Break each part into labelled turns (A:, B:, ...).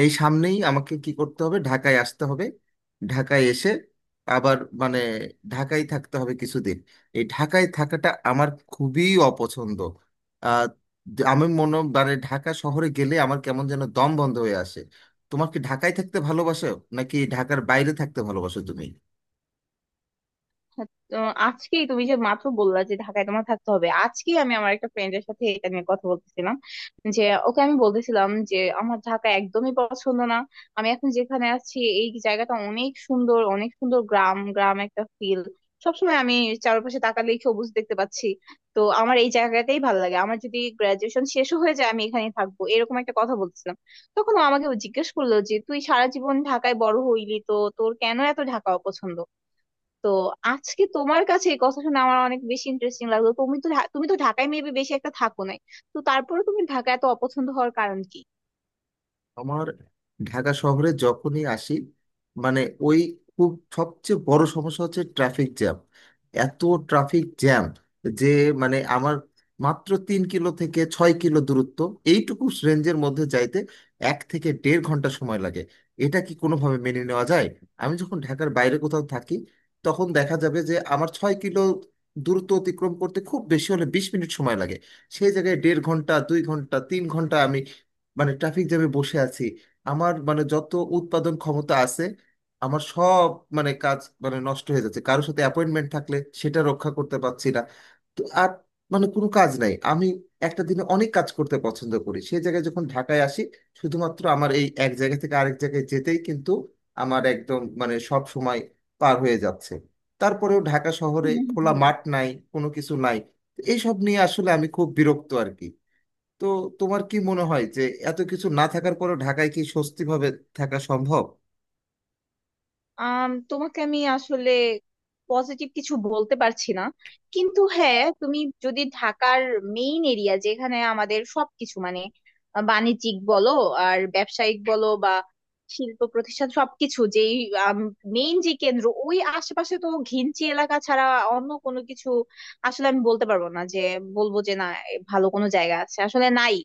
A: এই সামনেই আমাকে কি করতে হবে, ঢাকায় আসতে হবে। ঢাকায় এসে আবার মানে ঢাকায় থাকতে হবে কিছুদিন। এই ঢাকায় থাকাটা আমার খুবই অপছন্দ। আহ, আমি মানে ঢাকা শহরে গেলে আমার কেমন যেন দম বন্ধ হয়ে আসে। তোমার কি ঢাকায় থাকতে ভালোবাসো নাকি ঢাকার বাইরে থাকতে ভালোবাসো তুমি?
B: আচ্ছা, তো আজকেই তুমি যে মাত্র বললা যে ঢাকায় তোমার থাকতে হবে, আজকেই আমি আমার একটা ফ্রেন্ডের সাথে এটা নিয়ে কথা বলতেছিলাম। যে ওকে আমি বলতেছিলাম যে আমার ঢাকা একদমই পছন্দ না। আমি এখন যেখানে আছি এই জায়গাটা অনেক সুন্দর, অনেক সুন্দর, গ্রাম গ্রাম একটা ফিল। সবসময় আমি চারপাশে তাকালেই সবুজ দেখতে পাচ্ছি। তো আমার এই জায়গাটাই ভালো লাগে, আমার যদি গ্রাজুয়েশন শেষও হয়ে যায় আমি এখানেই থাকবো, এরকম একটা কথা বলছিলাম। তখন ও আমাকে জিজ্ঞেস করলো যে তুই সারা জীবন ঢাকায় বড় হইলি, তো তোর কেন এত ঢাকা অপছন্দ? তো আজকে তোমার কাছে এই কথা শুনে আমার অনেক বেশি ইন্টারেস্টিং লাগলো। তুমি তো ঢাকায় মেবি বেশি একটা থাকো নাই। তো তারপরে তুমি ঢাকা এত অপছন্দ হওয়ার কারণ কি?
A: আমার ঢাকা শহরে যখনই আসি, মানে ওই, খুব, সবচেয়ে বড় সমস্যা হচ্ছে ট্রাফিক জ্যাম। এত ট্রাফিক জ্যাম যে মানে আমার মাত্র 3 কিলো থেকে 6 কিলো দূরত্ব, এইটুকু রেঞ্জের মধ্যে যাইতে এক থেকে দেড় ঘন্টা সময় লাগে। এটা কি কোনোভাবে মেনে নেওয়া যায়? আমি যখন ঢাকার বাইরে কোথাও থাকি তখন দেখা যাবে যে আমার 6 কিলো দূরত্ব অতিক্রম করতে খুব বেশি হলে 20 মিনিট সময় লাগে। সেই জায়গায় দেড় ঘন্টা, দুই ঘন্টা, তিন ঘন্টা আমি মানে ট্রাফিক জ্যামে বসে আছি। আমার মানে যত উৎপাদন ক্ষমতা আছে আমার সব মানে কাজ মানে নষ্ট হয়ে যাচ্ছে। কারোর সাথে অ্যাপয়েন্টমেন্ট থাকলে সেটা রক্ষা করতে পারছি না। তো আর মানে কোনো কাজ নাই। আমি একটা দিনে অনেক কাজ করতে পছন্দ করি, সেই জায়গায় যখন ঢাকায় আসি শুধুমাত্র আমার এই এক জায়গা থেকে আরেক জায়গায় যেতেই কিন্তু আমার একদম মানে সব সময় পার হয়ে যাচ্ছে। তারপরেও ঢাকা শহরে
B: হুম হুম
A: খোলা
B: হুম।
A: মাঠ নাই, কোনো কিছু নাই। এইসব নিয়ে আসলে আমি খুব বিরক্ত আর কি। তো তোমার কি মনে হয় যে এত কিছু না থাকার পরে ঢাকায় কি স্বস্তি ভাবে থাকা সম্ভব?
B: তোমাকে আমি আসলে পজিটিভ কিছু বলতে পারছি না। কিন্তু হ্যাঁ, তুমি যদি ঢাকার মেইন এরিয়া, যেখানে আমাদের সবকিছু মানে বাণিজ্যিক বলো আর ব্যবসায়িক বলো বা শিল্প প্রতিষ্ঠান, সবকিছু যেই মেইন যে কেন্দ্র, ওই আশেপাশে তো ঘিঞ্চি এলাকা ছাড়া অন্য কোনো কিছু আসলে আমি বলতে পারবো না যে বলবো যে না, এ ভালো কোনো জায়গা আছে, আসলে নাই।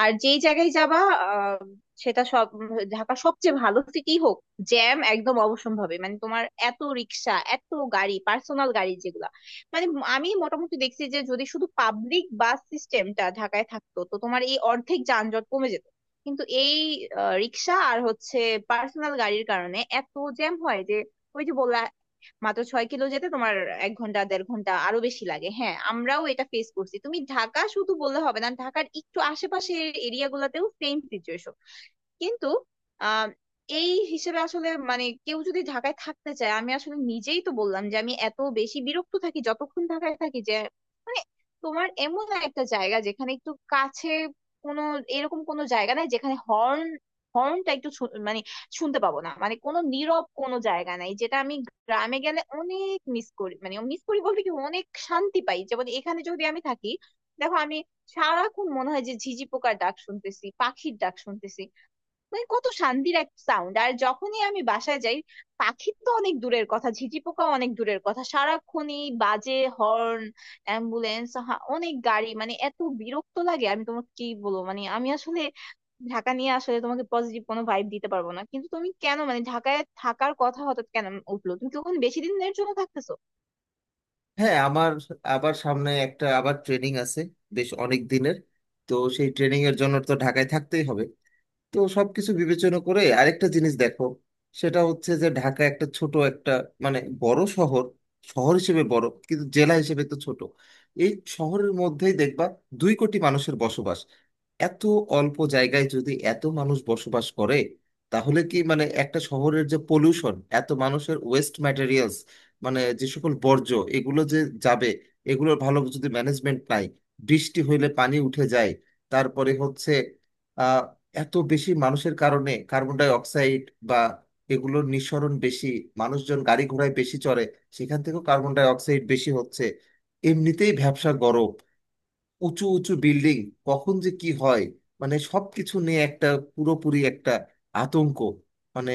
B: আর যেই জায়গায় যাবা আহ সেটা সব ঢাকা সবচেয়ে ভালো সিটি হোক, জ্যাম একদম অবশ্যম্ভাবী। মানে তোমার এত রিক্সা, এত গাড়ি, পার্সোনাল গাড়ি যেগুলা, মানে আমি মোটামুটি দেখছি যে যদি শুধু পাবলিক বাস সিস্টেমটা ঢাকায় থাকতো তো তোমার এই অর্ধেক যানজট কমে যেত। কিন্তু এই রিক্সা আর হচ্ছে পার্সোনাল গাড়ির কারণে এত জ্যাম হয় যে ওই যে বললা মাত্র 6 কিলো যেতে তোমার 1 ঘন্টা, দেড় ঘন্টা, আরো বেশি লাগে। হ্যাঁ, আমরাও এটা ফেস করছি। তুমি ঢাকা শুধু বললে হবে না, ঢাকার একটু আশেপাশের এরিয়া গুলাতেও সেম সিচুয়েশন। কিন্তু আহ এই হিসেবে আসলে মানে কেউ যদি ঢাকায় থাকতে চায়, আমি আসলে নিজেই তো বললাম যে আমি এত বেশি বিরক্ত থাকি যতক্ষণ ঢাকায় থাকি, যে মানে তোমার এমন একটা জায়গা যেখানে একটু কাছে, কোনো এরকম কোনো জায়গা নাই যেখানে হর্ন, হর্নটা একটু শু- মানে শুনতে পাবো না, মানে কোনো নীরব কোনো জায়গা নাই, যেটা আমি গ্রামে গেলে অনেক মিস করি। মানে মিস করি বলতে কি অনেক শান্তি পাই, যেমন এখানে যদি আমি থাকি, দেখো আমি সারাক্ষণ মনে হয় যে ঝিঝি পোকার ডাক শুনতেছি, পাখির ডাক শুনতেছি। মানে কত শান্তির এক সাউন্ড। আর যখনই আমি বাসায় যাই, পাখির তো অনেক দূরের কথা, ঝিঁঝি পোকা অনেক দূরের কথা, সারাক্ষণই বাজে হর্ন, অ্যাম্বুলেন্স, অনেক গাড়ি। মানে এত বিরক্ত লাগে, আমি তোমাকে কি বলবো, মানে আমি আসলে ঢাকা নিয়ে আসলে তোমাকে পজিটিভ কোনো ভাইব দিতে পারবো না। কিন্তু তুমি কেন মানে ঢাকায় থাকার কথা হঠাৎ কেন উঠলো? তুমি কি ওখানে বেশি দিনের জন্য থাকতেছো?
A: হ্যাঁ, আমার আবার সামনে একটা ট্রেনিং আছে, বেশ অনেক দিনের। তো সেই ট্রেনিং এর জন্য তো ঢাকায় থাকতেই হবে। তো সবকিছু বিবেচনা করে আরেকটা জিনিস দেখো, সেটা হচ্ছে যে ঢাকা একটা ছোট একটা মানে বড় শহর, শহর হিসেবে বড় কিন্তু জেলা হিসেবে তো ছোট। এই শহরের মধ্যেই দেখবা 2 কোটি মানুষের বসবাস। এত অল্প জায়গায় যদি এত মানুষ বসবাস করে তাহলে কি মানে একটা শহরের যে পলিউশন, এত মানুষের ওয়েস্ট ম্যাটেরিয়ালস মানে যে সকল বর্জ্য এগুলো যে যাবে, এগুলোর ভালো যদি ম্যানেজমেন্ট নাই, বৃষ্টি হইলে পানি উঠে যায়। তারপরে হচ্ছে এত বেশি মানুষের কারণে কার্বন ডাই অক্সাইড বা এগুলোর নিঃসরণ বেশি। মানুষজন গাড়ি ঘোড়ায় বেশি চড়ে, সেখান থেকেও কার্বন ডাই অক্সাইড বেশি হচ্ছে। এমনিতেই ভ্যাবসা গরম, উঁচু উঁচু বিল্ডিং, কখন যে কি হয়, মানে সবকিছু নিয়ে একটা পুরোপুরি একটা আতঙ্ক। মানে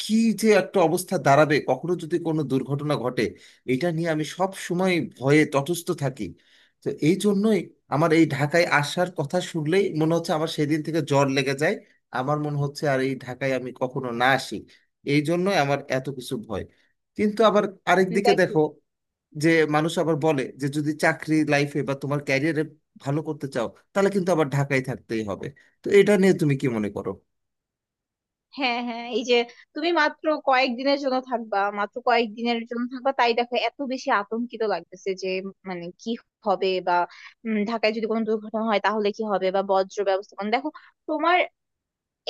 A: কি যে একটা অবস্থা দাঁড়াবে কখনো যদি কোনো দুর্ঘটনা ঘটে, এটা নিয়ে আমি সব সময় ভয়ে তটস্থ থাকি। তো এই জন্যই আমার এই ঢাকায় আসার কথা শুনলেই মনে হচ্ছে আমার সেদিন থেকে জ্বর লেগে যায়। আমার মনে হচ্ছে আর এই ঢাকায় আমি কখনো না আসি। এই জন্যই আমার এত কিছু ভয়। কিন্তু আবার আরেক দিকে
B: দেখ।
A: দেখো যে মানুষ আবার বলে যে যদি চাকরি লাইফে বা তোমার ক্যারিয়ারে ভালো করতে চাও তাহলে কিন্তু আবার ঢাকায় থাকতেই হবে। তো এটা নিয়ে তুমি কি মনে করো?
B: হ্যাঁ হ্যাঁ, এই যে তুমি মাত্র কয়েকদিনের জন্য থাকবা, মাত্র কয়েকদিনের জন্য থাকবা, তাই দেখো এত বেশি আতঙ্কিত লাগতেছে যে মানে কি হবে বা, ঢাকায় যদি কোনো দুর্ঘটনা হয় তাহলে কি হবে বা বজ্র ব্যবস্থাপনা। দেখো তোমার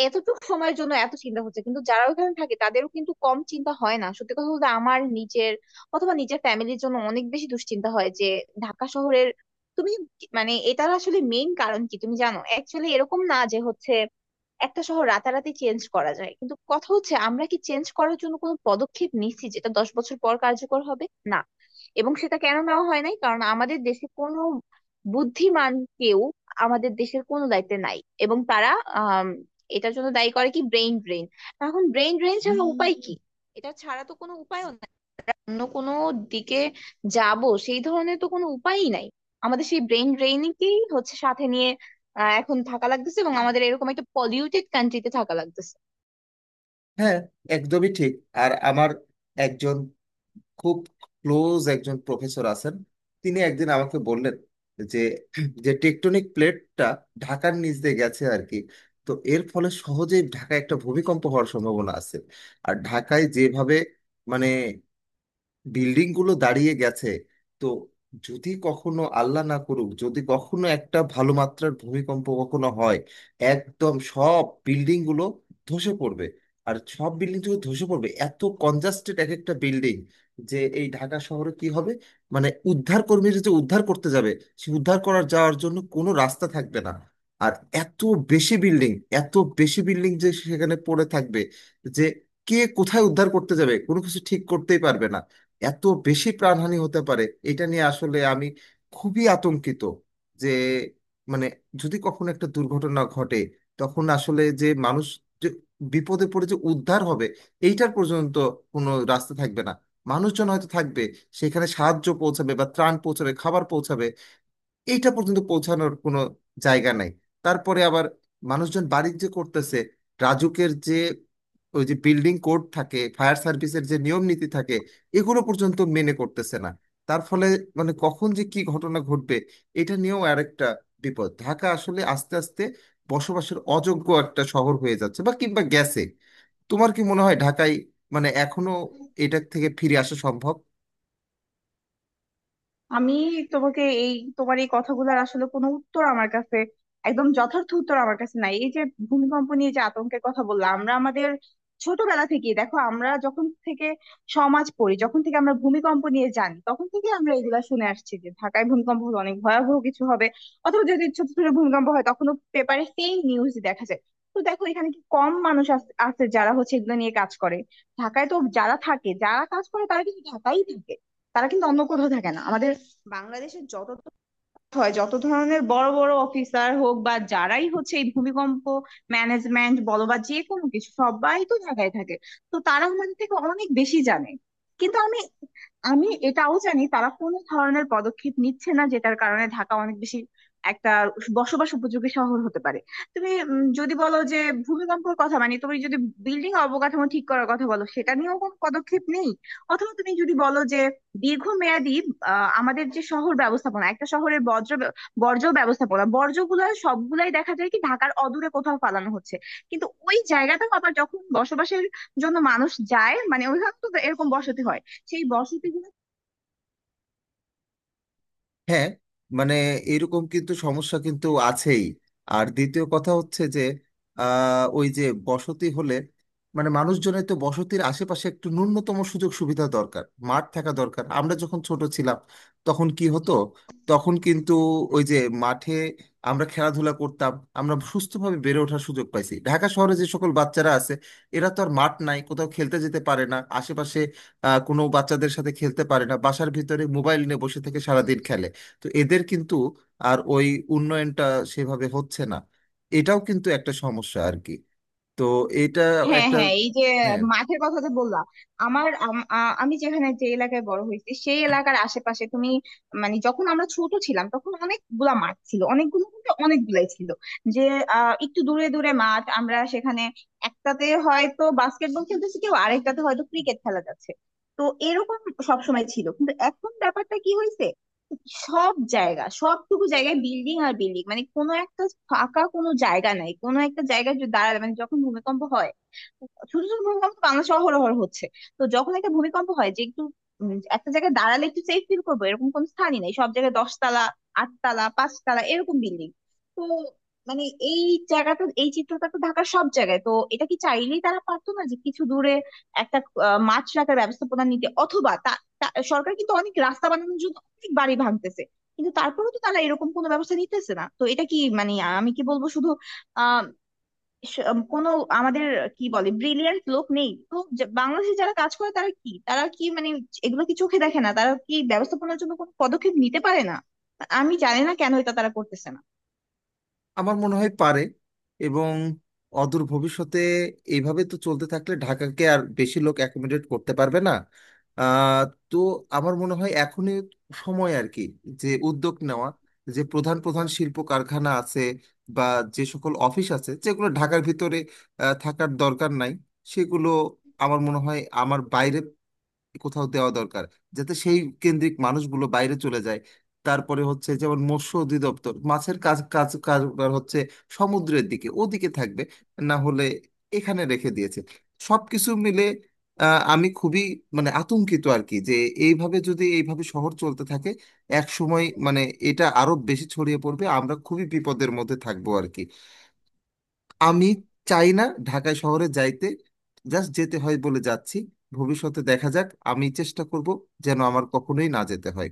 B: এতটুকু সময়ের জন্য এত চিন্তা হচ্ছে, কিন্তু যারা ওখানে থাকে তাদেরও কিন্তু কম চিন্তা হয় না। সত্যি কথা বলতে আমার নিজের অথবা নিজের ফ্যামিলির জন্য অনেক বেশি দুশ্চিন্তা হয়, যে ঢাকা শহরের তুমি মানে এটার আসলে মেইন কারণ কি তুমি জানো? অ্যাকচুয়ালি এরকম না যে হচ্ছে একটা শহর রাতারাতি চেঞ্জ করা যায়, কিন্তু কথা হচ্ছে আমরা কি চেঞ্জ করার জন্য কোনো পদক্ষেপ নিচ্ছি যেটা 10 বছর পর কার্যকর হবে? না। এবং সেটা কেন নেওয়া হয় নাই? কারণ আমাদের দেশে কোনো বুদ্ধিমান কেউ আমাদের দেশের কোনো দায়িত্বে নাই। এবং তারা আহ এটার জন্য দায়ী করে কি ব্রেইন ড্রেন। এখন ব্রেইন ড্রেন ছাড়া উপায় কি, এটা ছাড়া তো কোনো উপায়ও নাই। অন্য কোনো দিকে যাব সেই ধরনের তো কোনো উপায়ই নাই। আমাদের সেই ব্রেইন ড্রেইনকেই হচ্ছে সাথে নিয়ে এখন থাকা লাগতেছে এবং আমাদের এরকম একটা পলিউটেড কান্ট্রিতে থাকা লাগতেছে।
A: হ্যাঁ, একদমই ঠিক। আর আমার একজন খুব ক্লোজ একজন প্রফেসর আছেন। তিনি একদিন আমাকে বললেন যে, যে টেকটনিক প্লেটটা ঢাকার নিচ দিয়ে গেছে আর কি, তো এর ফলে সহজেই ঢাকায় একটা ভূমিকম্প হওয়ার সম্ভাবনা আছে। আর ঢাকায় যেভাবে মানে বিল্ডিং গুলো দাঁড়িয়ে গেছে, তো যদি কখনো আল্লাহ না করুক যদি কখনো একটা ভালো মাত্রার ভূমিকম্প কখনো হয়, একদম সব বিল্ডিং গুলো ধসে পড়বে। আর সব বিল্ডিং গুলো ধসে পড়বে, এত কনজাস্টেড এক একটা বিল্ডিং যে এই ঢাকা শহরে কি হবে, মানে উদ্ধার কর্মীরা যে উদ্ধার করতে যাবে, সে উদ্ধার করার যাওয়ার জন্য কোনো রাস্তা থাকবে না। আর এত বেশি বিল্ডিং, এত বেশি বিল্ডিং যে সেখানে পড়ে থাকবে যে কে কোথায় উদ্ধার করতে যাবে কোনো কিছু ঠিক করতেই পারবে না। এত বেশি প্রাণহানি হতে পারে। এটা নিয়ে আসলে আমি খুবই আতঙ্কিত যে মানে যদি কখনো একটা দুর্ঘটনা ঘটে তখন আসলে যে মানুষ যে বিপদে পড়ে যে উদ্ধার হবে এইটার পর্যন্ত কোনো রাস্তা থাকবে না। মানুষজন হয়তো থাকবে সেখানে, সাহায্য পৌঁছাবে বা ত্রাণ পৌঁছাবে, খাবার পৌঁছাবে, এইটা পর্যন্ত পৌঁছানোর কোনো জায়গা নাই। তারপরে আবার মানুষজন বাণিজ্য করতেছে, রাজুকের যে ওই যে বিল্ডিং কোড থাকে, ফায়ার সার্ভিসের যে নিয়ম নীতি থাকে, এগুলো পর্যন্ত মেনে করতেছে না। তার ফলে মানে কখন যে কি ঘটনা ঘটবে এটা নিয়েও আরেকটা বিপদ। ঢাকা আসলে আস্তে আস্তে বসবাসের অযোগ্য একটা শহর হয়ে যাচ্ছে বা কিংবা গেছে। তোমার কি মনে হয় ঢাকায় মানে এখনো এটা থেকে ফিরে আসা সম্ভব?
B: আমি তোমাকে এই তোমার এই কথাগুলোর আসলে কোনো উত্তর আমার কাছে, একদম যথার্থ উত্তর আমার কাছে নাই। এই যে ভূমিকম্প নিয়ে যে আতঙ্কের কথা বললাম, আমরা আমাদের ছোটবেলা থেকে দেখো, আমরা যখন থেকে সমাজ পড়ি, যখন থেকে আমরা ভূমিকম্প নিয়ে জানি, তখন থেকে আমরা এগুলা শুনে আসছি যে ঢাকায় ভূমিকম্প হলে অনেক ভয়াবহ কিছু হবে। অথবা যদি ছোট ছোট ভূমিকম্প হয় তখনও পেপারে সেই নিউজ দেখা যায়। তো দেখো এখানে কি কম মানুষ আছে যারা হচ্ছে এগুলো নিয়ে কাজ করে? ঢাকায় তো যারা থাকে, যারা কাজ করে তারা কিন্তু ঢাকাই থাকে, তারা কিন্তু অন্য কোথাও থাকে না। বাংলাদেশে হয় যত ধরনের বড় বড় অফিসার হোক বা যারাই হচ্ছে এই ভূমিকম্প ম্যানেজমেন্ট বলো বা যে কোনো কিছু, সবাই তো ঢাকায় থাকে। তো তারা আমাদের থেকে অনেক বেশি জানে। কিন্তু আমি আমি এটাও জানি তারা কোনো ধরনের পদক্ষেপ নিচ্ছে না যেটার কারণে ঢাকা অনেক বেশি একটা বসবাস উপযোগী শহর হতে পারে। তুমি যদি বলো যে ভূমিকম্পের কথা, মানে তুমি যদি বিল্ডিং অবকাঠামো ঠিক করার কথা বলো সেটা নিয়েও কোনো পদক্ষেপ নেই। অথবা তুমি যদি বলো যে দীর্ঘমেয়াদী, আমাদের যে শহর ব্যবস্থাপনা, একটা শহরের বর্জ্য ব্যবস্থাপনা, বর্জ্যগুলো সবগুলাই দেখা যায় কি ঢাকার অদূরে কোথাও ফালানো হচ্ছে। কিন্তু ওই জায়গাটাও আবার যখন বসবাসের জন্য মানুষ যায়, মানে ওইখানে তো এরকম বসতি হয়, সেই বসতি।
A: হ্যাঁ, মানে এরকম কিন্তু সমস্যা কিন্তু আছেই। আর দ্বিতীয় কথা হচ্ছে যে, ওই যে বসতি হলে মানে মানুষজনের তো বসতির আশেপাশে একটু ন্যূনতম সুযোগ সুবিধা দরকার, মাঠ থাকা দরকার। আমরা যখন ছোট ছিলাম তখন কি হতো, তখন কিন্তু ওই যে মাঠে আমরা খেলাধুলা করতাম, আমরা সুস্থভাবে বেড়ে ওঠার সুযোগ পাইছি। ঢাকা শহরে যে সকল বাচ্চারা আছে এরা তো আর মাঠ নাই, কোথাও খেলতে যেতে পারে না আশেপাশে। কোনো বাচ্চাদের সাথে খেলতে পারে না, বাসার ভিতরে মোবাইল নিয়ে বসে থেকে সারাদিন খেলে। তো এদের কিন্তু আর ওই উন্নয়নটা সেভাবে হচ্ছে না। এটাও কিন্তু একটা সমস্যা আর কি। তো এটা
B: হ্যাঁ
A: একটা,
B: হ্যাঁ, এই যে
A: হ্যাঁ।
B: মাঠের কথা যে বললাম, আমি যেখানে, যে এলাকায় বড় হয়েছি সেই এলাকার আশেপাশে তুমি, মানে যখন আমরা ছোট ছিলাম তখন অনেকগুলা মাঠ ছিল, অনেকগুলো বলতে অনেকগুলাই ছিল। যে একটু দূরে দূরে মাঠ, আমরা সেখানে একটাতে হয়তো বাস্কেটবল খেলতেছি, কেউ আরেকটাতে হয়তো ক্রিকেট খেলা যাচ্ছে। তো এরকম সবসময় ছিল, কিন্তু এখন ব্যাপারটা কি হয়েছে, সব জায়গা, সবটুকু জায়গায় বিল্ডিং আর বিল্ডিং। মানে কোনো একটা ফাঁকা কোনো জায়গা নাই, কোনো একটা জায়গায় যদি দাঁড়ালে, মানে যখন ভূমিকম্প হয়, ছোট ছোট ভূমিকম্প তো বাংলাদেশে অহরহ হচ্ছে। তো যখন একটা ভূমিকম্প হয় যে একটু একটা জায়গায় দাঁড়ালে একটু সেফ ফিল করবো, এরকম কোনো স্থানই নেই। সব জায়গায় দশতলা, আটতলা, পাঁচতলা এরকম বিল্ডিং। তো মানে এই জায়গাটা, এই চিত্রটা তো ঢাকার সব জায়গায়। তো এটা কি চাইলেই তারা পারতো না যে কিছু দূরে একটা মাছ রাখার ব্যবস্থাপনা নিতে? অথবা তা- তা- সরকার কিন্তু অনেক রাস্তা বানানোর জন্য অনেক বাড়ি ভাঙতেছে, কিন্তু তারপরেও তো তারা এরকম কোনো ব্যবস্থা নিতেছে না। তো এটা কি, মানে আমি কি বলবো, শুধু কোনো আমাদের কি বলে ব্রিলিয়ান্ট লোক নেই? তো বাংলাদেশে যারা কাজ করে তারা কি, তারা কি মানে এগুলো কি চোখে দেখে না, তারা কি ব্যবস্থাপনার জন্য কোনো পদক্ষেপ নিতে পারে না? আমি জানি না কেন এটা তারা করতেছে না।
A: আমার মনে হয় পারে, এবং অদূর ভবিষ্যতে এইভাবে তো চলতে থাকলে ঢাকাকে আর বেশি লোক অ্যাকোমোডেট করতে পারবে না। আহ, তো আমার মনে হয় এখনই সময় আর কি যে উদ্যোগ নেওয়া, যে প্রধান প্রধান শিল্প কারখানা আছে বা যে সকল অফিস আছে যেগুলো ঢাকার ভিতরে থাকার দরকার নাই, সেগুলো আমার মনে হয় আমার বাইরে কোথাও দেওয়া দরকার, যাতে সেই কেন্দ্রিক মানুষগুলো বাইরে চলে যায়। তারপরে হচ্ছে যেমন মৎস্য অধিদপ্তর মাছের কাজ কাজ কারবার হচ্ছে, সমুদ্রের দিকে ওদিকে থাকবে, না হলে এখানে রেখে দিয়েছে। সবকিছু মিলে আমি খুবই মানে আতঙ্কিত আর কি, যে এইভাবে যদি এইভাবে শহর চলতে থাকে এক সময় মানে এটা আরো বেশি ছড়িয়ে পড়বে, আমরা খুবই বিপদের মধ্যে থাকবো আর কি। আমি চাই না ঢাকায় শহরে যাইতে, জাস্ট যেতে হয় বলে যাচ্ছি। ভবিষ্যতে দেখা যাক, আমি চেষ্টা করব যেন আমার কখনোই না যেতে হয়।